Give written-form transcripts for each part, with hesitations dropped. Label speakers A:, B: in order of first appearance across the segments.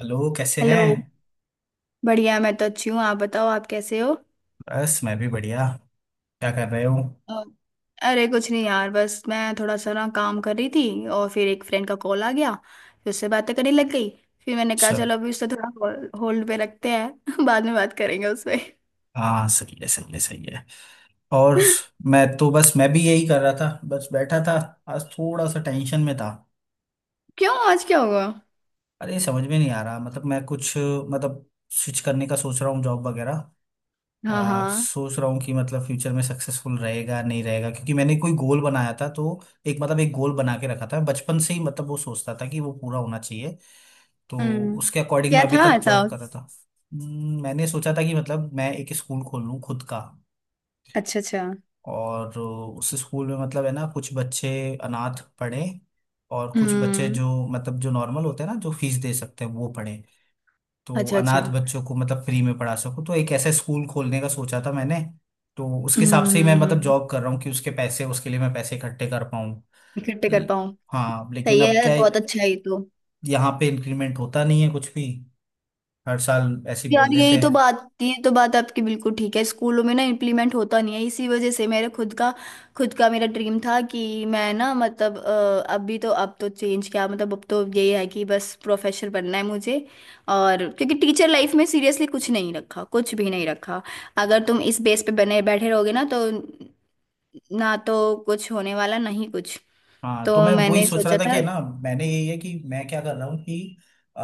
A: Hello, कैसे हैं।
B: Hello. बढ़िया, मैं तो अच्छी हूँ। आप बताओ, आप कैसे हो?
A: बस मैं भी बढ़िया। क्या कर रहे हो।
B: अ, अरे कुछ नहीं यार, बस मैं थोड़ा सा ना काम कर रही थी और फिर एक फ्रेंड का कॉल आ गया। फिर उससे बातें करने लग गई। फिर मैंने कहा
A: अच्छा।
B: चलो अभी उससे थोड़ा होल्ड पे रखते हैं बाद में बात करेंगे उससे।
A: हाँ, सही है, सही है, सही है। और मैं तो बस मैं भी यही कर रहा था, बस बैठा था। आज थोड़ा सा टेंशन में था।
B: क्यों, आज क्या हुआ?
A: अरे, समझ में नहीं आ रहा, मतलब मैं कुछ मतलब स्विच करने का सोच रहा हूँ जॉब वगैरह।
B: हाँ हाँ।
A: सोच रहा हूँ कि मतलब फ्यूचर में सक्सेसफुल रहेगा नहीं रहेगा, क्योंकि मैंने कोई गोल बनाया था। तो एक गोल बना के रखा था बचपन से ही, मतलब वो सोचता था कि वो पूरा होना चाहिए। तो
B: हम्म।
A: उसके अकॉर्डिंग
B: क्या
A: मैं अभी
B: था
A: तक
B: ऐसा?
A: जॉब कर रहा था। मैंने सोचा था कि मतलब मैं एक स्कूल खोल लूँ खुद का।
B: अच्छा अच्छा।
A: और उस स्कूल में मतलब है ना कुछ बच्चे अनाथ पढ़े, और कुछ बच्चे
B: हम्म।
A: जो नॉर्मल होते हैं ना, जो फीस दे सकते हैं, वो पढ़े। तो
B: अच्छा अच्छा।
A: अनाथ बच्चों को मतलब फ्री में पढ़ा सकूँ, तो एक ऐसा स्कूल खोलने का सोचा था मैंने। तो उसके हिसाब से ही मैं मतलब
B: हम्म।
A: जॉब कर रहा हूँ कि उसके लिए मैं पैसे इकट्ठे कर पाऊँ।
B: इकट्ठे कर
A: ल-
B: पाऊँ।
A: हाँ, लेकिन
B: सही
A: अब
B: है,
A: क्या है,
B: बहुत अच्छा है ये तो।
A: यहाँ पे इंक्रीमेंट होता नहीं है कुछ भी। हर साल ऐसे ही बोल
B: यार यही
A: देते
B: तो
A: हैं।
B: बात, ये तो बात आपकी बिल्कुल ठीक है। स्कूलों में ना इम्प्लीमेंट होता नहीं है, इसी वजह से मेरे खुद का मेरा ड्रीम था कि मैं ना मतलब अभी तो अब तो चेंज क्या मतलब, अब तो यही है कि बस प्रोफेसर बनना है मुझे। और क्योंकि टीचर लाइफ में सीरियसली कुछ नहीं रखा, कुछ भी नहीं रखा। अगर तुम इस बेस पे बने बैठे रहोगे ना तो कुछ होने वाला नहीं कुछ।
A: हाँ, तो
B: तो
A: मैं वही
B: मैंने
A: सोच रहा
B: सोचा
A: था
B: था।
A: कि है ना, मैंने यही है कि मैं क्या कर रहा हूँ कि अ,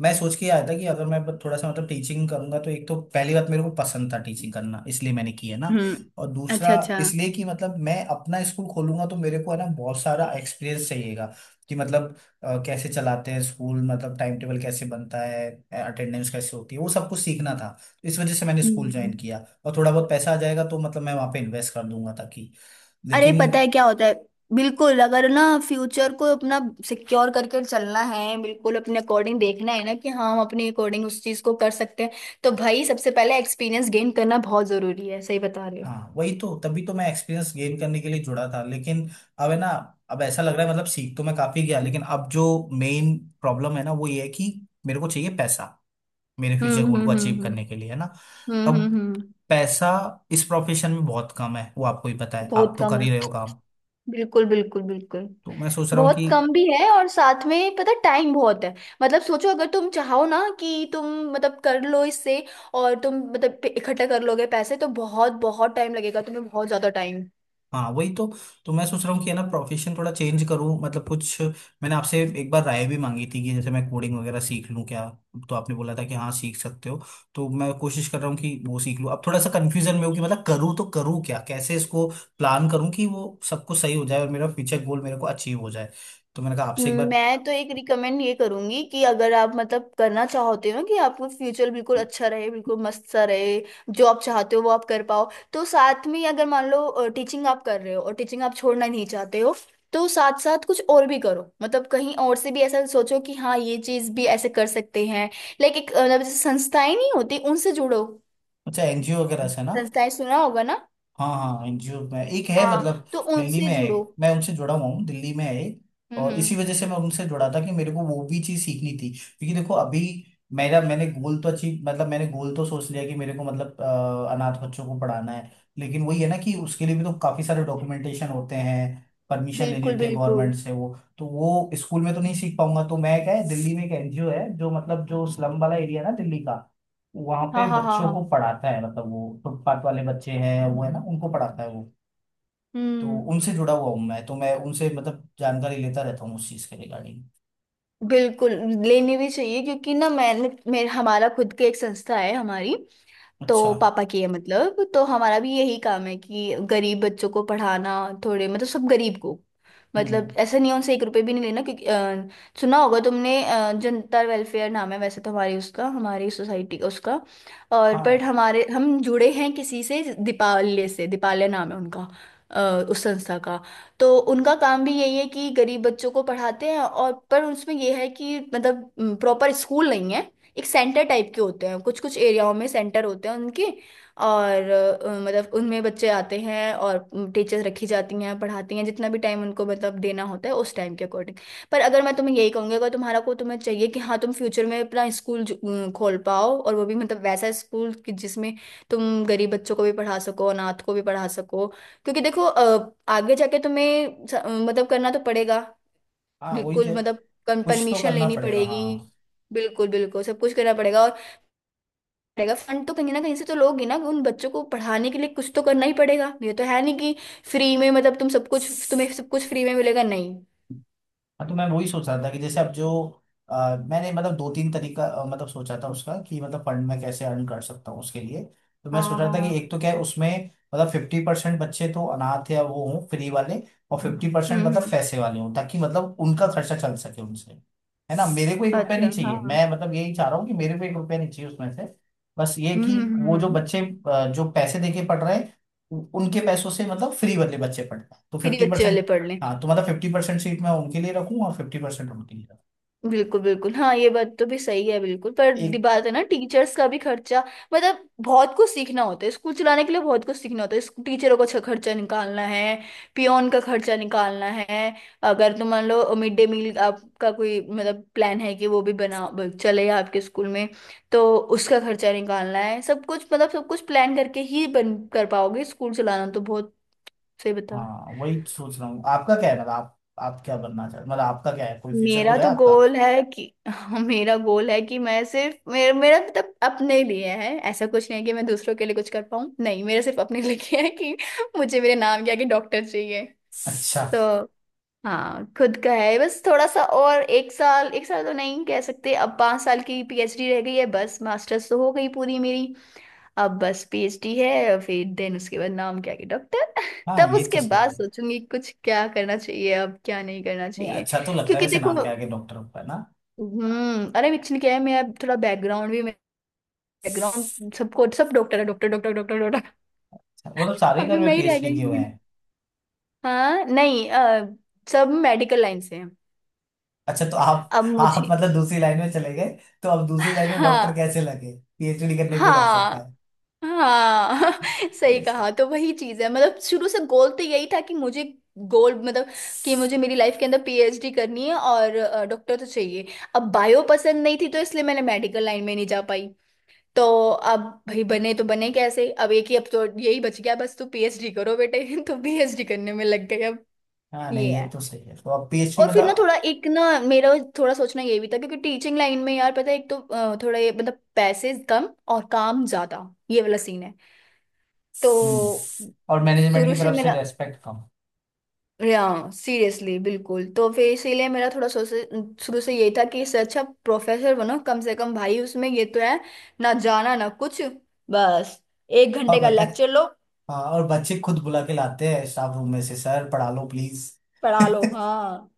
A: मैं सोच के आया था कि अगर मैं थोड़ा सा मतलब टीचिंग करूंगा, तो एक तो पहली बात मेरे को पसंद था टीचिंग करना, इसलिए मैंने की है ना।
B: हम्म।
A: और दूसरा
B: अच्छा अच्छा।
A: इसलिए कि मतलब मैं अपना स्कूल खोलूंगा तो मेरे को है ना बहुत सारा एक्सपीरियंस चाहिएगा कि मतलब कैसे चलाते हैं स्कूल, मतलब टाइम टेबल कैसे बनता है, अटेंडेंस कैसे होती है, वो सब कुछ सीखना था। तो इस वजह से मैंने स्कूल ज्वाइन
B: हम्म।
A: किया और थोड़ा बहुत पैसा आ जाएगा तो मतलब मैं वहाँ पे इन्वेस्ट कर दूंगा ताकि।
B: अरे पता
A: लेकिन
B: है क्या होता है? बिल्कुल, अगर ना फ्यूचर को अपना सिक्योर करके चलना है, बिल्कुल अपने अकॉर्डिंग देखना है ना कि हाँ, हम अपने अकॉर्डिंग उस चीज को कर सकते हैं, तो भाई सबसे पहले एक्सपीरियंस गेन करना बहुत जरूरी है, सही बता रहे हो।
A: हाँ, वही तो, तभी तो मैं एक्सपीरियंस गेन करने के लिए जुड़ा था, लेकिन अब है ना, अब ऐसा लग रहा है मतलब सीख तो मैं काफी गया, लेकिन अब जो मेन प्रॉब्लम है ना वो ये है कि मेरे को चाहिए पैसा, मेरे फ्यूचर गोल को अचीव
B: हम्म।
A: करने के लिए है ना। अब
B: हम्म।
A: पैसा इस प्रोफेशन में बहुत कम है, वो आपको ही पता है, आप
B: बहुत
A: तो
B: कम
A: कर
B: है।
A: ही रहे हो काम।
B: बिल्कुल बिल्कुल बिल्कुल।
A: तो मैं सोच रहा हूँ
B: बहुत
A: कि।
B: कम भी है और साथ में पता, टाइम बहुत है। मतलब सोचो, अगर तुम चाहो ना कि तुम मतलब कर लो इससे, और तुम मतलब इकट्ठा कर लोगे पैसे तो बहुत बहुत टाइम लगेगा तुम्हें, बहुत ज्यादा टाइम।
A: हाँ, वही तो। तो मैं सोच रहा हूँ कि है ना प्रोफेशन थोड़ा चेंज करूँ, मतलब कुछ मैंने आपसे एक बार राय भी मांगी थी कि जैसे मैं कोडिंग वगैरह सीख लूँ क्या। तो आपने बोला था कि हाँ सीख सकते हो। तो मैं कोशिश कर रहा हूँ कि वो सीख लूँ। अब थोड़ा सा कन्फ्यूजन में हूँ कि मतलब करूँ तो करूँ क्या, कैसे इसको प्लान करूँ कि वो सब कुछ सही हो जाए और मेरा फ्यूचर गोल मेरे को अचीव हो जाए। तो मैंने कहा आपसे एक बार।
B: मैं तो एक रिकमेंड ये करूंगी कि अगर आप मतलब करना चाहते हो कि आपको फ्यूचर बिल्कुल अच्छा रहे, बिल्कुल मस्त सा रहे, जो आप चाहते हो वो आप कर पाओ, तो साथ में अगर मान लो टीचिंग आप कर रहे हो और टीचिंग आप छोड़ना नहीं चाहते हो, तो साथ साथ कुछ और भी करो। मतलब कहीं और से भी ऐसा सोचो कि हाँ, ये चीज भी ऐसे कर सकते हैं। लाइक एक मतलब जैसे संस्थाएं नहीं होती उनसे जुड़ो।
A: अच्छा, एनजीओ वगैरह से ना।
B: संस्थाएं सुना होगा ना।
A: हाँ हाँ, एनजीओ में एक है, मतलब
B: हाँ, तो
A: दिल्ली
B: उनसे
A: में है
B: जुड़ो।
A: एक। मैं उनसे जुड़ा हुआ हूँ, दिल्ली में है एक। और
B: हम्म।
A: इसी वजह से मैं उनसे जुड़ा था कि मेरे को वो भी चीज़ सीखनी थी क्योंकि देखो अभी मेरा मैंने गोल तो अचीव, मतलब मैंने गोल तो सोच लिया कि मेरे को मतलब अनाथ बच्चों को पढ़ाना है। लेकिन वही है ना कि उसके लिए भी तो काफ़ी सारे डॉक्यूमेंटेशन होते हैं, परमिशन लेनी
B: बिल्कुल
A: होती है
B: बिल्कुल।
A: गवर्नमेंट से। वो तो वो स्कूल में तो नहीं सीख पाऊंगा। तो मैं, क्या है, दिल्ली में एक एनजीओ है जो स्लम वाला एरिया है ना दिल्ली का, वहां पे
B: हाँ हाँ हाँ
A: बच्चों
B: हाँ।
A: को पढ़ाता है, मतलब वो फुटपाथ वाले बच्चे हैं वो है ना, उनको पढ़ाता है वो। तो
B: हम्म।
A: उनसे जुड़ा हुआ हूँ मैं, तो मैं उनसे मतलब जानकारी लेता रहता हूँ उस चीज के रिगार्डिंग।
B: बिल्कुल। लेनी भी चाहिए, क्योंकि ना मैंने मेरे हमारा खुद के एक संस्था है हमारी।
A: अच्छा।
B: तो पापा की है मतलब, तो हमारा भी यही काम है कि गरीब बच्चों को पढ़ाना। थोड़े मतलब सब गरीब को,
A: हम्म।
B: मतलब ऐसा नहीं है, उनसे एक रुपए भी नहीं लेना, क्योंकि सुना होगा तुमने, जनता वेलफेयर नाम है वैसे तो हमारी, उसका, हमारी सोसाइटी का उसका। और पर
A: हाँ
B: हमारे हम जुड़े हैं किसी से, दीपालय से। दीपालय नाम है उनका। अ, उस संस्था का। तो उनका काम भी यही है कि गरीब बच्चों को पढ़ाते हैं, और पर उसमें यह है कि मतलब प्रॉपर स्कूल नहीं है। एक सेंटर टाइप के होते हैं, कुछ कुछ एरियाओं में सेंटर होते हैं उनके। और मतलब उनमें बच्चे आते हैं और टीचर्स रखी जाती हैं, पढ़ाती हैं जितना भी टाइम उनको मतलब देना होता है, उस टाइम के अकॉर्डिंग। पर अगर मैं तुम्हें यही कहूँगी, अगर तुम्हारा को तुम्हें चाहिए कि हाँ तुम फ्यूचर में अपना स्कूल खोल पाओ, और वो भी मतलब वैसा स्कूल कि जिसमें तुम गरीब बच्चों को भी पढ़ा सको, अनाथ को भी पढ़ा सको, क्योंकि देखो आगे जाके तुम्हें स- मतलब करना तो पड़ेगा।
A: हाँ, वही तो
B: बिल्कुल
A: है।
B: मतलब
A: कुछ तो
B: परमिशन
A: करना
B: लेनी
A: पड़ेगा,
B: पड़ेगी।
A: हाँ।
B: बिल्कुल बिल्कुल सब कुछ करना पड़ेगा। और पड़ेगा फंड तो कहीं ना कहीं से तो लोगे ना, उन बच्चों को पढ़ाने के लिए कुछ तो करना ही पड़ेगा, ये तो है नहीं कि फ्री में मतलब तुम सब कुछ, तुम्हें सब कुछ फ्री में मिलेगा नहीं।
A: हाँ, तो मैं वही सोच रहा था कि जैसे अब जो मैंने मतलब दो तीन तरीका मतलब सोचा था उसका कि मतलब फंड मैं कैसे अर्न कर सकता हूँ उसके लिए। तो मैं सोच
B: हाँ
A: रहा था कि
B: हाँ।
A: एक तो क्या है उसमें, मतलब 50% बच्चे तो अनाथ या वो हों फ्री वाले, और 50% मतलब
B: हम्म।
A: पैसे वाले हों ताकि मतलब उनका खर्चा चल सके उनसे। है ना, मेरे को ₹1
B: अच्छा
A: नहीं चाहिए,
B: हाँ हाँ।
A: मैं मतलब यही चाह रहा हूँ कि मेरे को ₹1 नहीं चाहिए उसमें से। बस ये कि वो जो
B: हम्म।
A: बच्चे जो पैसे देके पढ़ रहे हैं, उनके पैसों से मतलब फ्री वाले बच्चे पढ़ रहे हैं तो
B: फ्री
A: फिफ्टी
B: बच्चे वाले
A: परसेंट
B: पढ़ लें।
A: हाँ, तो मतलब 50% सीट मैं उनके लिए रखूँ और 50% उनके लिए रखूँ।
B: बिल्कुल बिल्कुल हाँ, ये बात तो भी सही है बिल्कुल, पर दी
A: एक।
B: बात है ना टीचर्स का भी खर्चा, मतलब बहुत कुछ सीखना होता है स्कूल चलाने के लिए, बहुत कुछ सीखना होता है। स्कू- टीचरों का छ- खर्चा निकालना है, पियोन का खर्चा निकालना है। अगर तो मान लो मिड डे मील आपका कोई मतलब प्लान है कि वो भी बना ब- चले आपके स्कूल में, तो उसका खर्चा निकालना है। सब कुछ मतलब सब कुछ प्लान करके ही बन कर पाओगे, स्कूल चलाना तो बहुत से बता।
A: हाँ, वही सोच रहा हूँ। आपका क्या है, मतलब आप क्या बनना चाहते, मतलब आपका क्या है, कोई फ्यूचर
B: मेरा
A: गोल है
B: तो
A: आपका।
B: गोल है कि मेरा गोल है कि मैं सिर्फ मेरा, मेरा मतलब अपने लिए है, ऐसा कुछ नहीं है कि मैं दूसरों के लिए कुछ कर पाऊँ, नहीं, मेरा सिर्फ अपने लिए है कि मुझे मेरे नाम के आगे डॉक्टर चाहिए।
A: अच्छा।
B: तो हाँ खुद का है बस, थोड़ा सा और एक साल तो नहीं कह सकते, अब 5 साल की पीएचडी रह गई है बस, मास्टर्स तो हो गई पूरी मेरी। अब बस पीएचडी है, फिर देन उसके बाद नाम के आगे डॉक्टर।
A: हाँ,
B: तब
A: ये तो
B: उसके
A: सही
B: बाद
A: है।
B: सोचूंगी कुछ क्या करना चाहिए, अब क्या नहीं करना
A: नहीं,
B: चाहिए।
A: अच्छा तो लगता है
B: क्योंकि
A: वैसे,
B: देखो
A: नाम के आगे डॉक्टर होगा ना।
B: हम्म, अरे एक्चुअली क्या है, मैं अब थोड़ा बैकग्राउंड भी, बैकग्राउंड सबको सब डॉक्टर है, डॉक्टर डॉक्टर डॉक्टर डॉक्टर।
A: अच्छा, मतलब सारे
B: अभी
A: घर में
B: मैं ही रह
A: पीएचडी
B: गई
A: किए
B: हूँ
A: हुए
B: बिना-।
A: हैं।
B: हाँ नहीं सब मेडिकल लाइन से हैं।
A: अच्छा, तो आप
B: अब
A: आप
B: मुझे
A: मतलब दूसरी लाइन में चले गए। तो अब दूसरी लाइन में डॉक्टर
B: हाँ।
A: कैसे लगे। पीएचडी करने पे लग सकता
B: हाँ
A: है।
B: हाँ। सही
A: ये सही।
B: कहा, तो वही चीज है मतलब शुरू से गोल तो यही था कि मुझे गोल मतलब कि मुझे मेरी लाइफ के अंदर पीएचडी करनी है और डॉक्टर तो चाहिए। अब बायो पसंद नहीं थी तो इसलिए मैंने मेडिकल लाइन में नहीं जा पाई। तो अब भाई बने तो बने कैसे, अब एक ही, अब तो यही बच गया बस, तू पीएचडी करो बेटे। तो पीएचडी करने में लग गए अब।
A: हाँ,
B: ये
A: नहीं
B: है।
A: ये तो सही है, तो अब पीएचडी
B: और फिर ना
A: मतलब।
B: थोड़ा एक ना मेरा थोड़ा सोचना ये भी था, क्योंकि टीचिंग लाइन में यार पता है एक तो थोड़ा ये मतलब पैसे कम और काम ज्यादा, ये वाला सीन है।
A: हम्म।
B: तो
A: और मैनेजमेंट
B: शुरू
A: की
B: से
A: तरफ से
B: मेरा,
A: रेस्पेक्ट कम।
B: या, सीरियसली बिल्कुल, तो फिर इसीलिए मेरा थोड़ा सोच शुरू से यही था कि इससे अच्छा प्रोफेसर बनो कम से कम, भाई उसमें ये तो है ना जाना ना कुछ, बस एक
A: और
B: घंटे का
A: बताए।
B: लेक्चर लो।
A: हाँ, और बच्चे खुद बुला के लाते हैं स्टाफ रूम में से, सर पढ़ा लो प्लीज।
B: पढ़ा लो, हाँ।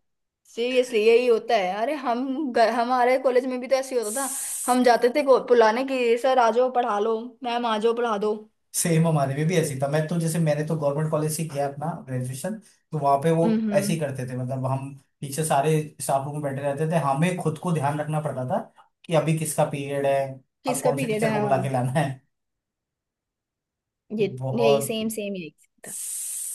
B: सीरियसली यही होता है। अरे हम ग- हमारे कॉलेज में भी तो ऐसे ही होता था। हम जाते थे को- बुलाने की सर आ जाओ पढ़ा लो, मैम आ जाओ पढ़ा दो।
A: सेम हमारे में भी ऐसी था, मैं तो जैसे मैंने तो गवर्नमेंट कॉलेज से किया अपना ग्रेजुएशन, तो वहाँ पे वो ऐसे
B: हम्म।
A: ही करते थे, मतलब हम पीछे सारे स्टाफ रूम में बैठे रहते थे, हमें खुद को ध्यान रखना पड़ता था कि अभी किसका पीरियड है, अब
B: किसका
A: कौन से
B: पीरियड
A: टीचर
B: है,
A: को बुला के
B: हाँ।
A: लाना है।
B: ये, यही
A: बहुत
B: सेम सेम यही था।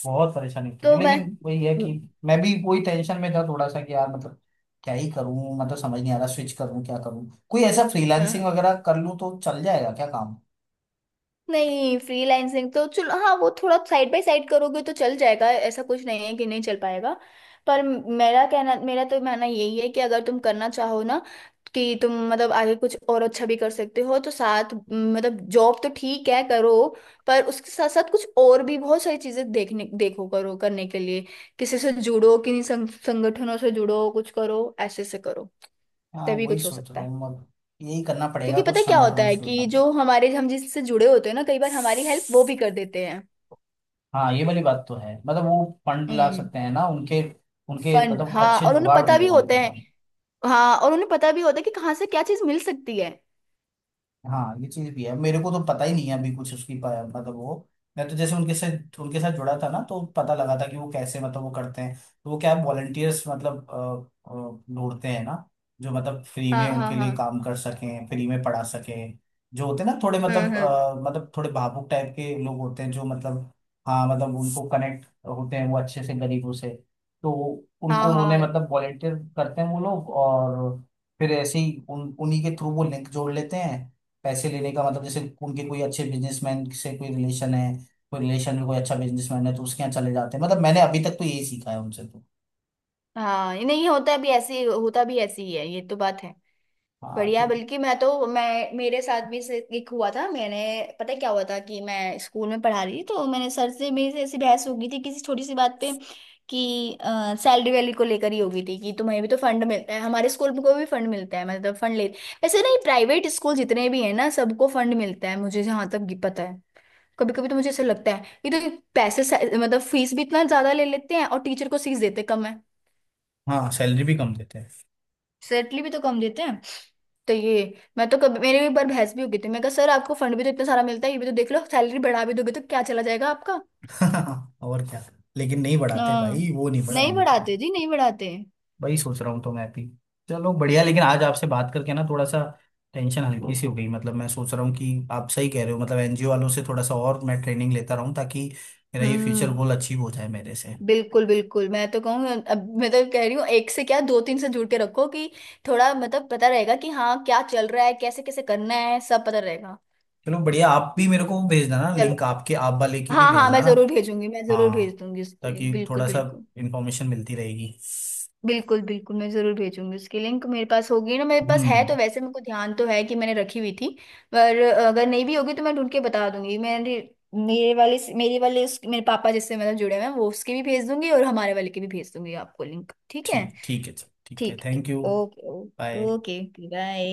A: बहुत परेशानी होती थी,
B: तो मैं,
A: लेकिन वही है कि मैं भी वही टेंशन में था थोड़ा सा कि यार मतलब क्या ही करूं, मतलब समझ नहीं आ रहा, स्विच करूं क्या करूं, कोई ऐसा
B: हाँ
A: फ्रीलांसिंग वगैरह कर लूं तो चल जाएगा क्या काम।
B: नहीं फ्रीलांसिंग तो चलो हाँ, वो थोड़ा साइड बाय साइड करोगे तो चल जाएगा, ऐसा कुछ नहीं है कि नहीं चल पाएगा। पर मेरा कहना, मेरा तो मानना यही है कि अगर तुम करना चाहो ना कि तुम मतलब आगे कुछ और अच्छा भी कर सकते हो तो साथ म, मतलब जॉब तो ठीक है करो, पर उसके साथ साथ कुछ और भी बहुत सारी चीजें देखने देखो करो करने के लिए, किसी से जुड़ो, किसी संग, संगठनों से जुड़ो, कुछ करो ऐसे से करो,
A: हाँ,
B: तभी
A: वही
B: कुछ हो
A: सोच रहा
B: सकता है।
A: हूँ अब, यही करना पड़ेगा,
B: क्योंकि
A: कुछ
B: पता है क्या होता
A: संगठनों
B: है
A: से जुड़ना
B: कि
A: पड़ेगा।
B: जो हमारे हम जिससे जुड़े होते हैं ना, कई बार हमारी हेल्प वो भी कर देते हैं।
A: हाँ, ये वाली बात तो है, मतलब वो फंड ला
B: हम्म।
A: सकते हैं ना, उनके उनके
B: फंड
A: मतलब
B: हाँ,
A: अच्छे
B: और उन्हें
A: जुगाड़
B: पता
A: होंगे
B: भी
A: वहां
B: होते
A: पे
B: हैं,
A: कहीं।
B: हाँ और उन्हें पता भी होता है कि कहाँ से क्या चीज मिल सकती है।
A: हाँ, ये चीज भी है, मेरे को तो पता ही नहीं है अभी कुछ उसकी मतलब वो, मैं तो जैसे उनके साथ जुड़ा था ना तो पता लगा था कि वो कैसे मतलब वो करते हैं। तो वो क्या वॉलंटियर्स मतलब ढूंढते हैं ना, जो मतलब फ्री
B: हाँ
A: में
B: हाँ
A: उनके लिए
B: हाँ।
A: काम कर सकें, फ्री में पढ़ा सकें। जो होते हैं ना थोड़े मतलब
B: हम्म।
A: मतलब थोड़े भावुक टाइप के लोग होते हैं जो मतलब, हाँ मतलब उनको कनेक्ट होते हैं वो अच्छे से गरीबों से। तो
B: हाँ
A: उनको उन्होंने
B: हाँ
A: मतलब वॉलंटियर करते हैं वो लोग, और फिर ऐसे ही उन उन्हीं के थ्रू वो लिंक जोड़ लेते हैं। पैसे लेने का, मतलब जैसे उनके कोई अच्छे बिजनेसमैन से कोई रिलेशन है, कोई रिलेशन में कोई अच्छा बिजनेसमैन है तो उसके यहाँ चले जाते हैं, मतलब मैंने अभी तक तो यही सीखा है उनसे। तो,
B: हाँ, ये नहीं होता भी ऐसे ही- होता भी ऐसे ही है, ये तो बात है।
A: हाँ
B: बढ़िया,
A: तो।
B: बल्कि मैं तो, मैं मेरे साथ भी से एक हुआ था, मैंने, पता है क्या हुआ था कि मैं स्कूल में पढ़ा रही थी तो मैंने सर से मेरी से ऐसी बहस हो गई थी किसी छोटी सी बात पे, कि सैलरी वैली को लेकर ही हो गई थी कि तुम्हें भी तो फंड मिलता है, हमारे स्कूल को भी फंड मिलता है, मतलब फंड ले, वैसे नहीं, प्राइवेट स्कूल जितने भी हैं ना सबको फंड मिलता है, मुझे जहाँ तक ये पता है। कभी कभी तो मुझे ऐसा लगता है कि तो पैसे मतलब फीस भी इतना ज्यादा ले लेते हैं, और टीचर को फीस देते कम है।
A: हाँ, सैलरी भी कम देते हैं।
B: सैलरी भी तो कम देते हैं। तो ये, मैं तो कभी मेरे भी एक बार बहस भी हो गई थी, मैं कहा सर आपको फंड भी तो इतना सारा मिलता है, ये भी तो देख लो, सैलरी बढ़ा भी दोगे तो क्या चला जाएगा आपका।
A: और क्या। लेकिन नहीं बढ़ाते
B: हाँ
A: भाई, वो नहीं
B: नहीं
A: बढ़ाएंगे कभी।
B: बढ़ाते जी, नहीं बढ़ाते।
A: वही सोच रहा हूँ तो मैं भी। चलो बढ़िया, लेकिन आज आपसे बात करके ना थोड़ा सा टेंशन हल्की सी हो गई, मतलब मैं सोच रहा हूँ कि आप सही कह रहे हो, मतलब एनजीओ वालों से थोड़ा सा और मैं ट्रेनिंग लेता रहूँ ताकि मेरा ये फ्यूचर
B: हम्म।
A: गोल अचीव हो जाए मेरे से।
B: बिल्कुल बिल्कुल, मैं तो कहूँ, अब मैं तो कह रही हूँ एक से क्या दो तीन से जुड़ के रखो, कि थोड़ा मतलब पता रहेगा कि हाँ क्या चल रहा है, कैसे कैसे करना है सब पता रहेगा।
A: चलो बढ़िया, आप भी मेरे को वो भेज देना,
B: चलो।
A: लिंक आपके आप वाले की भी
B: हाँ हाँ,
A: भेजना
B: मैं
A: ना।
B: जरूर भेजूंगी, मैं जरूर भेज
A: हाँ,
B: दूंगी उसके लिए
A: ताकि
B: बिल्कुल
A: थोड़ा सा
B: बिल्कुल।
A: इंफॉर्मेशन मिलती रहेगी।
B: बिल्कुल बिल्कुल मैं जरूर भेजूंगी उसकी लिंक। मेरे पास होगी ना, मेरे पास है तो
A: हम्म।
B: वैसे, मेरे को ध्यान तो है कि मैंने रखी हुई थी, पर अगर नहीं भी होगी तो मैं ढूंढ के बता दूंगी। मेरे, मेरे वाले, मेरे वाले उस, मेरे पापा जिससे मतलब जुड़े हुए हैं वो उसके भी भेज दूंगी, और हमारे वाले के भी भेज दूंगी आपको लिंक, ठीक है।
A: ठीक ठीक है, चल ठीक है,
B: ठीक, ठीक,
A: thank you.
B: Okay okay.
A: Bye.
B: Okay bye.